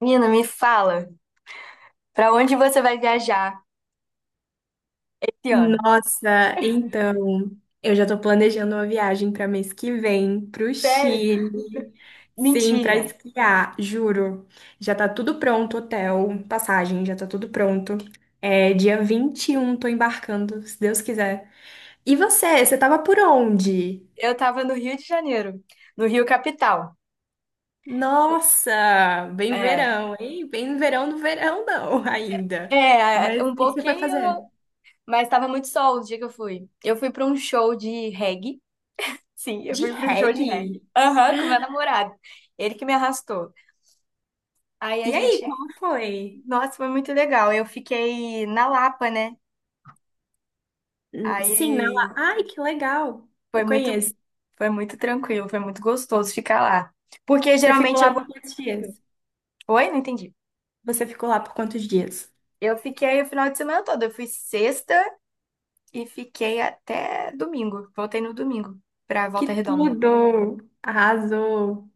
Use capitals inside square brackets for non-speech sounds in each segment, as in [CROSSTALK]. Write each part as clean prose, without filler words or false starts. Menina, me fala, pra onde você vai viajar esse ano? Nossa, então, eu já tô planejando uma viagem para mês que vem pro Sério? Chile. Sim, para Mentira. esquiar, juro. Já tá tudo pronto, hotel, passagem, já tá tudo pronto. É dia 21, tô embarcando, se Deus quiser. E você tava por onde? Eu tava no Rio de Janeiro, no Rio Capital. Nossa, bem É, verão, hein? Bem verão no verão não, [LAUGHS] ainda. Mas o um que que você vai pouquinho, fazer? mas tava muito sol o dia que eu fui. Eu fui pra um show de reggae. Sim, eu De fui pra um show de reggae? reggae. Aham, com meu namorado. Ele que me arrastou. Aí a E aí, gente, como foi? nossa, foi muito legal. Eu fiquei na Lapa, né? Sim, na Aí lá. Ai, que legal. foi Eu muito, conheço. foi muito tranquilo, foi muito gostoso ficar lá. Porque Você ficou geralmente lá eu vou. por quantos dias? Oi, não entendi. Você ficou lá por quantos dias? Eu fiquei o final de semana todo. Eu fui sexta e fiquei até domingo. Voltei no domingo pra Que Volta Redonda. tudo! Arrasou.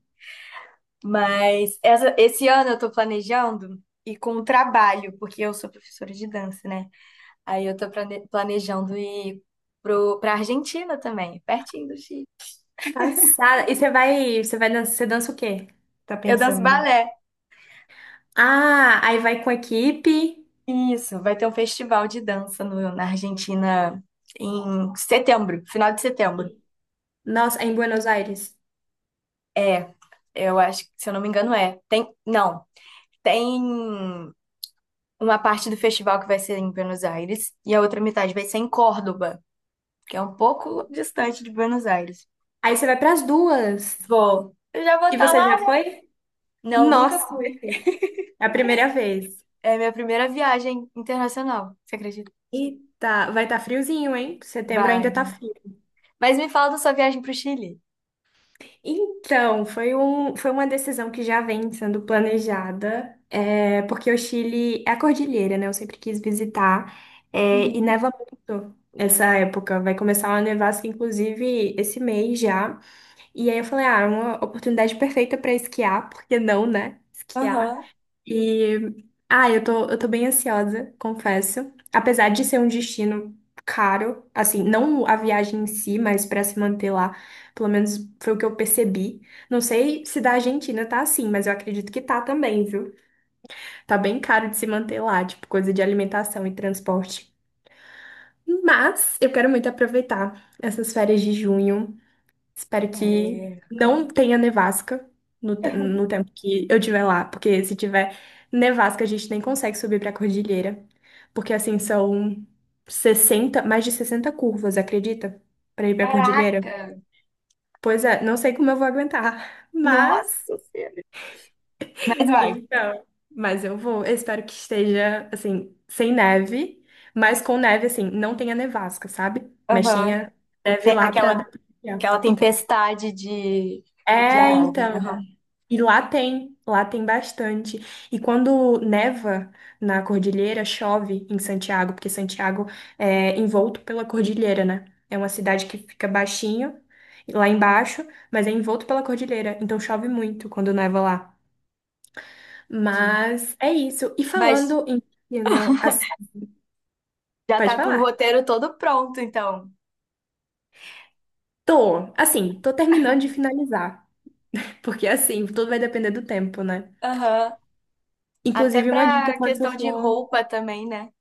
Mas esse ano eu tô planejando ir com o trabalho, porque eu sou professora de dança, né? Aí eu planejando ir pra Argentina também, pertinho do Chile. Passada. E você vai dançar, você dança o quê? Tá Eu danço pensando? balé. Ah, aí vai com a equipe. Isso, vai ter um festival de dança na Argentina em setembro, final de setembro. Nossa, é em Buenos Aires. É, eu acho que, se eu não me engano, é. Tem, não, tem. Uma parte do festival que vai ser em Buenos Aires e a outra metade vai ser em Córdoba, que é um pouco distante de Buenos Aires. Aí você vai para as duas. Vou. Eu já vou E estar você lá, já né? foi? Não, nunca Nossa, fui. perfeito. É a primeira vez. É minha primeira viagem internacional, você acredita? Eita, vai estar friozinho, hein? Setembro Vai. ainda tá Né? frio. Mas me fala da sua viagem pro Chile. Então, foi uma decisão que já vem sendo planejada, porque o Chile é a cordilheira, né? Eu sempre quis visitar, e Uhum. neva muito essa época. Vai começar uma nevasca, inclusive, esse mês já. E aí eu falei, ah, é uma oportunidade perfeita para esquiar, [LAUGHS] porque não, né? Esquiar Aham. e eu tô bem ansiosa, confesso. Apesar de ser um destino caro, assim, não a viagem em si, mas pra se manter lá, pelo menos foi o que eu percebi. Não sei se da Argentina tá assim, mas eu acredito que tá também, viu? Tá bem caro de se manter lá, tipo, coisa de alimentação e transporte. Mas eu quero muito aproveitar essas férias de junho. Espero que É. não tenha nevasca no tempo que eu estiver lá, porque se tiver nevasca, a gente nem consegue subir para a cordilheira. Porque assim são 60 mais de 60 curvas, acredita? Para ir para a cordilheira. Caraca! Pois é, não sei como eu vou aguentar, [LAUGHS] Nossa Senhora. Mas vai. então, mas eu vou. Eu espero que esteja assim sem neve, mas com neve assim, não tenha nevasca, sabe? Mas Aham. tenha neve Tem lá para dar aquela, pra esquiar. aquela tempestade de, de É, neve. então Aham. E lá tem bastante. E quando neva na cordilheira, chove em Santiago, porque Santiago é envolto pela cordilheira, né? É uma cidade que fica baixinho, lá embaixo, mas é envolto pela cordilheira, então chove muito quando neva lá. Sim. Mas é isso. E Mas falando em no, já Pode tá com o falar. roteiro todo pronto, então. Tô, assim, tô terminando de finalizar, porque assim, tudo vai depender do tempo, né? Aham. Até Inclusive, uma dica pra quando você questão de for. roupa também, né?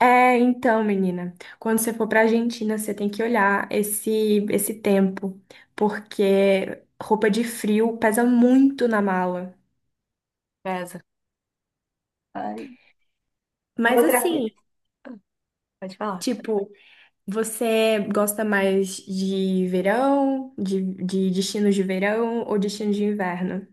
É, então, menina, quando você for pra Argentina, você tem que olhar esse tempo, porque roupa de frio pesa muito na mala. Pesa. Ai, Mas outra assim, fita. Pode falar. tipo, você gosta mais de verão, de destinos de verão ou destinos de inverno?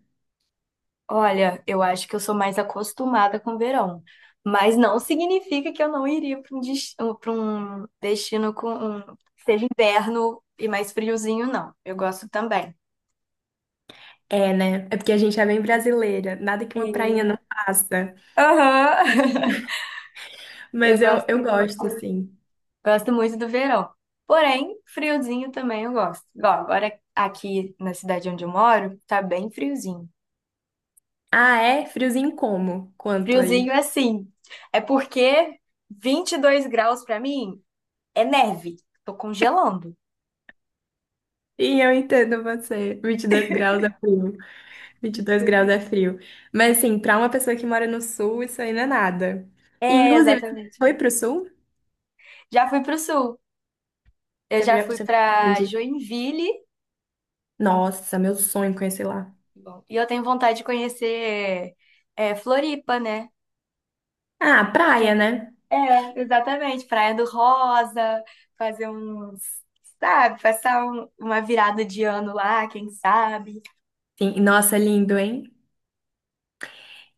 Olha, eu acho que eu sou mais acostumada com o verão, mas não significa que eu não iria para um, des- um, pra um destino que seja inverno e mais friozinho, não. Eu gosto também. É, né? É porque a gente é bem brasileira, nada que uma prainha E- não faça. Aham. [LAUGHS] Eu Mas eu, eu gosto, assim. gosto muito do verão. Porém, friozinho também eu gosto. Igual agora aqui na cidade onde eu moro, tá bem friozinho. Ah, é? Friozinho como? Quanto Friozinho aí? é sim É porque 22 graus pra mim é neve. Tô congelando. Sim, eu entendo você. 22 graus é frio. vinte e dois 22 graus é graus. frio. Mas, assim, pra uma pessoa que mora no sul, isso aí não é nada. E, É, inclusive, você exatamente. foi pro sul? Já fui pro sul. Eu Você já foi fui você pra onde? Joinville. Nossa, meu sonho conhecer lá. Bom, e eu tenho vontade de conhecer Floripa, né? Ah, Que praia, né? É, é, exatamente. Praia do Rosa, fazer uns, sabe, passar uma virada de ano lá, quem sabe, Sim, nossa, é lindo, hein?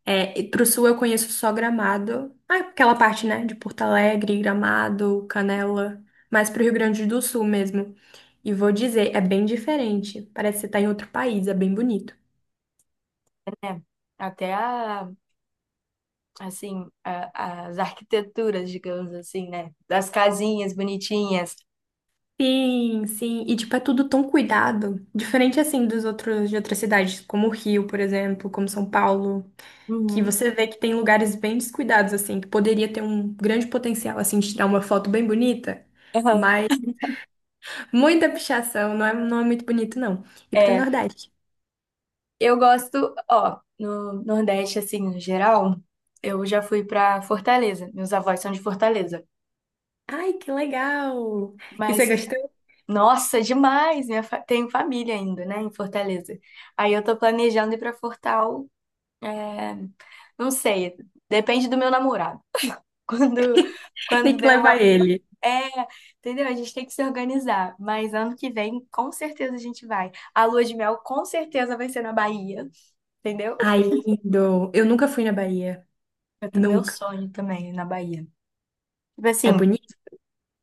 É, e pro sul eu conheço só Gramado. Ah, aquela parte, né? De Porto Alegre, Gramado, Canela. Mas pro Rio Grande do Sul mesmo. E vou dizer, é bem diferente. Parece que você tá em outro país, é bem bonito. né? Até a assim, as arquiteturas, digamos assim, né? Das casinhas bonitinhas. Sim, sim. E, tipo, é tudo tão cuidado. Diferente, assim, dos outros, de outras cidades, como o Rio, por exemplo, como São Paulo, que Uhum. você vê que tem lugares bem descuidados, assim, que poderia ter um grande potencial, assim, de tirar uma foto bem bonita, Aham. mas muita pichação, não é muito bonito, não. E pro É, Nordeste. eu gosto, ó, no Nordeste, assim, no geral, eu já fui pra Fortaleza. Meus avós são de Fortaleza. Ai, que legal! E você Mas, gostou? nossa, demais! Tenho família ainda, né, em Fortaleza. Aí eu tô planejando ir pra Fortal, é, não sei, depende do meu namorado. [LAUGHS] Quando, [LAUGHS] Tem quando que der levar uma ele. É, entendeu? A gente tem que se organizar. Mas ano que vem, com certeza a gente vai. A lua de mel, com certeza, vai ser na Bahia, entendeu? Ai, lindo! Eu nunca fui na Bahia. Meu Nunca. sonho também é na Bahia. Tipo É assim, bonito?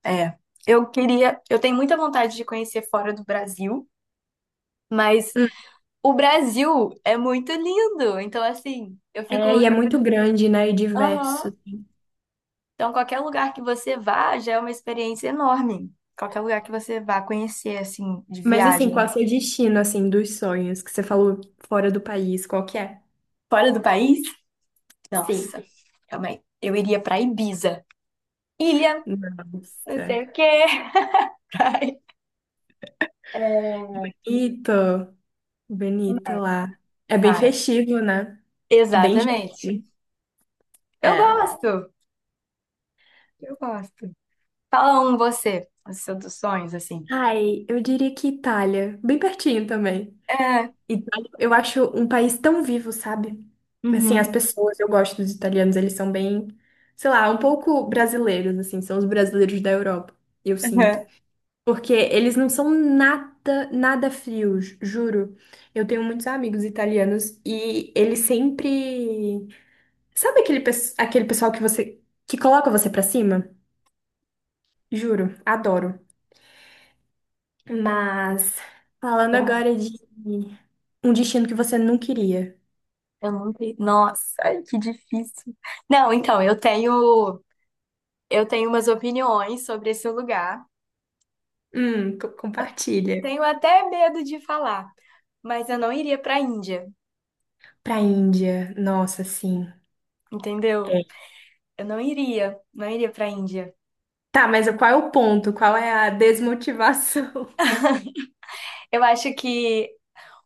é. Eu queria. Eu tenho muita vontade de conhecer fora do Brasil, mas Hum. o Brasil é muito lindo. Então, assim, eu fico. É, e é muito grande, né? E Aham. diverso. Então, qualquer lugar que você vá já é uma experiência enorme. Qualquer lugar que você vá conhecer, assim, de Mas assim, qual é o viagem seu destino, assim, dos sonhos que você falou fora do país? Qual que é? fora do país. Sim. Nossa, calma aí. Eu iria pra Ibiza. Ilha, não Nossa. sei o quê. [LAUGHS] Praia, é, Ito, bonito lá. É bem sabe? festivo, né? Bem Exatamente. jovem. Eu É. gosto. Eu gosto. Fala um você, os seus sonhos, assim. Ai, eu diria que Itália. Bem pertinho também. É. Itália, eu acho um país tão vivo, sabe? Assim, as Uhum. pessoas, eu gosto dos italianos, eles são bem, sei lá, um pouco brasileiros, assim, são os brasileiros da Europa. Eu [LAUGHS] sinto. Uhum. Porque eles não são nada, nada frios, juro. Eu tenho muitos amigos italianos e eles sempre. Sabe aquele pessoal que coloca você pra cima? Juro, adoro. Mas falando Eu, não- agora de um destino que você não queria. eu não tenho. Nossa, ai, que difícil. Não, então, eu tenho. Eu tenho umas opiniões sobre esse lugar. Compartilha. Tenho até medo de falar, mas eu não iria pra Índia, Pra Índia, nossa, sim. entendeu? É. Eu não iria, não iria pra Índia. Tá, mas qual é o ponto? Qual é a desmotivação? [LAUGHS] Eu acho que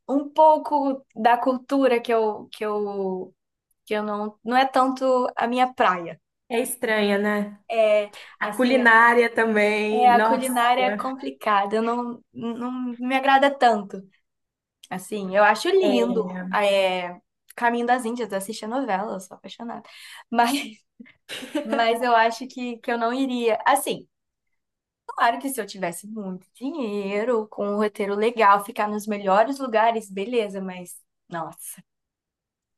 um pouco da cultura que eu não é tanto a minha praia. É estranha, né? É, A assim, culinária também, a nossa. culinária é complicada, eu não me agrada tanto. Assim, eu acho É. lindo, é, Caminho das Índias, eu assisti a novela, eu sou apaixonada. [LAUGHS] Mas, mas eu acho que eu não iria. Assim, claro que se eu tivesse muito dinheiro, com um roteiro legal, ficar nos melhores lugares, beleza, mas nossa.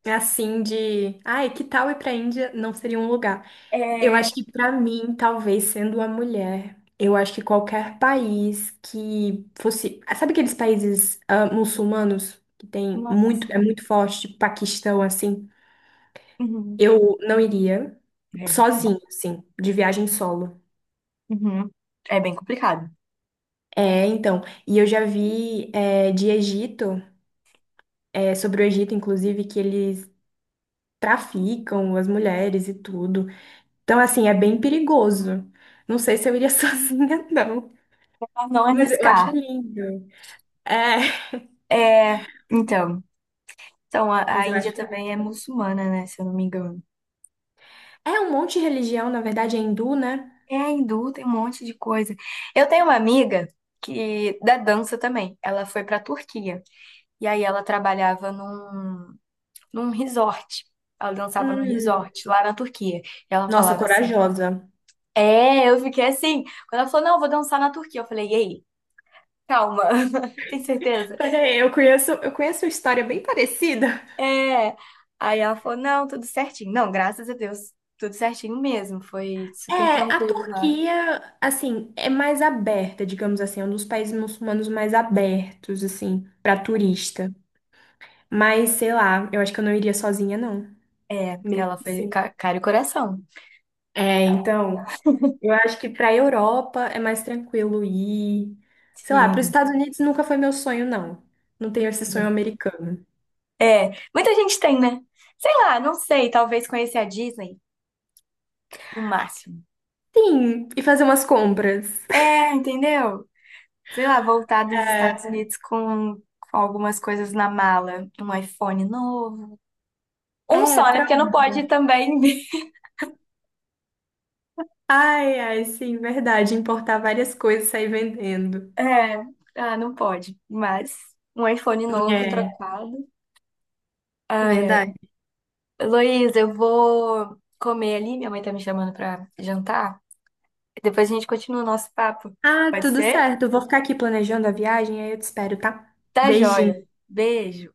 É assim de, ai, que tal ir pra Índia? Não seria um lugar. Eu acho É, que pra mim, talvez sendo uma mulher, eu acho que qualquer país que fosse, sabe aqueles países muçulmanos que tem não, muito, é sim. muito forte, tipo Paquistão assim, Uhum. eu não iria É. sozinho, assim, de viagem solo. Uhum. É bem complicado. É, então, e eu já vi sobre o Egito, inclusive, que eles traficam as mulheres e tudo. Então, assim, é bem perigoso. Não sei se eu iria [LAUGHS] sozinha, não. Pra não Mas eu acho arriscar. lindo. É, É, então, então mas a eu Índia acho lindo. também é muçulmana, né? Se eu não me engano. É um monte de religião, na verdade, é hindu, né? É hindu, tem um monte de coisa. Eu tenho uma amiga que da dança também. Ela foi pra Turquia e aí ela trabalhava num resort. Ela dançava num Hum, resort lá na Turquia. E ela nossa, falava assim: corajosa. É, eu fiquei assim. Quando ela falou: Não, eu vou dançar na Turquia, eu falei: Ei, calma, [LAUGHS] tem certeza? Peraí, eu conheço uma história bem parecida. É. Aí ela falou, não, tudo certinho. Não, graças a Deus, tudo certinho mesmo. Foi super É, a tranquilo lá. Turquia, assim, é mais aberta, digamos assim, é um dos países muçulmanos mais abertos, assim, para turista. Mas, sei lá, eu acho que eu não iria sozinha, não. É, Mesmo ela foi assim. Cara e coração. É, então. Eu acho que para a Europa é mais tranquilo ir. Sei lá, para os Sim. Estados Unidos nunca foi meu sonho, não. Não tenho esse sonho americano. É, muita gente tem, né? Sei lá, não sei, talvez conhecer a Disney no máximo. Sim, e fazer umas compras. É, entendeu? Sei lá, voltar dos É, Estados Unidos com algumas coisas na mala, um iPhone novo. Um é, só, né? Porque não pode pronto. também. [LAUGHS] Ai, ai, sim, verdade. Importar várias coisas e sair vendendo. É, ah, não pode. Mas um iPhone novo É, trocado. Ai, ai. verdade. Luiz, eu vou comer ali. Minha mãe tá me chamando pra jantar. Depois a gente continua o nosso papo. Ah, Pode tudo ser? certo. Eu vou ficar aqui planejando a viagem, aí eu te espero, tá? Tá joia. Beijinho. Beijo.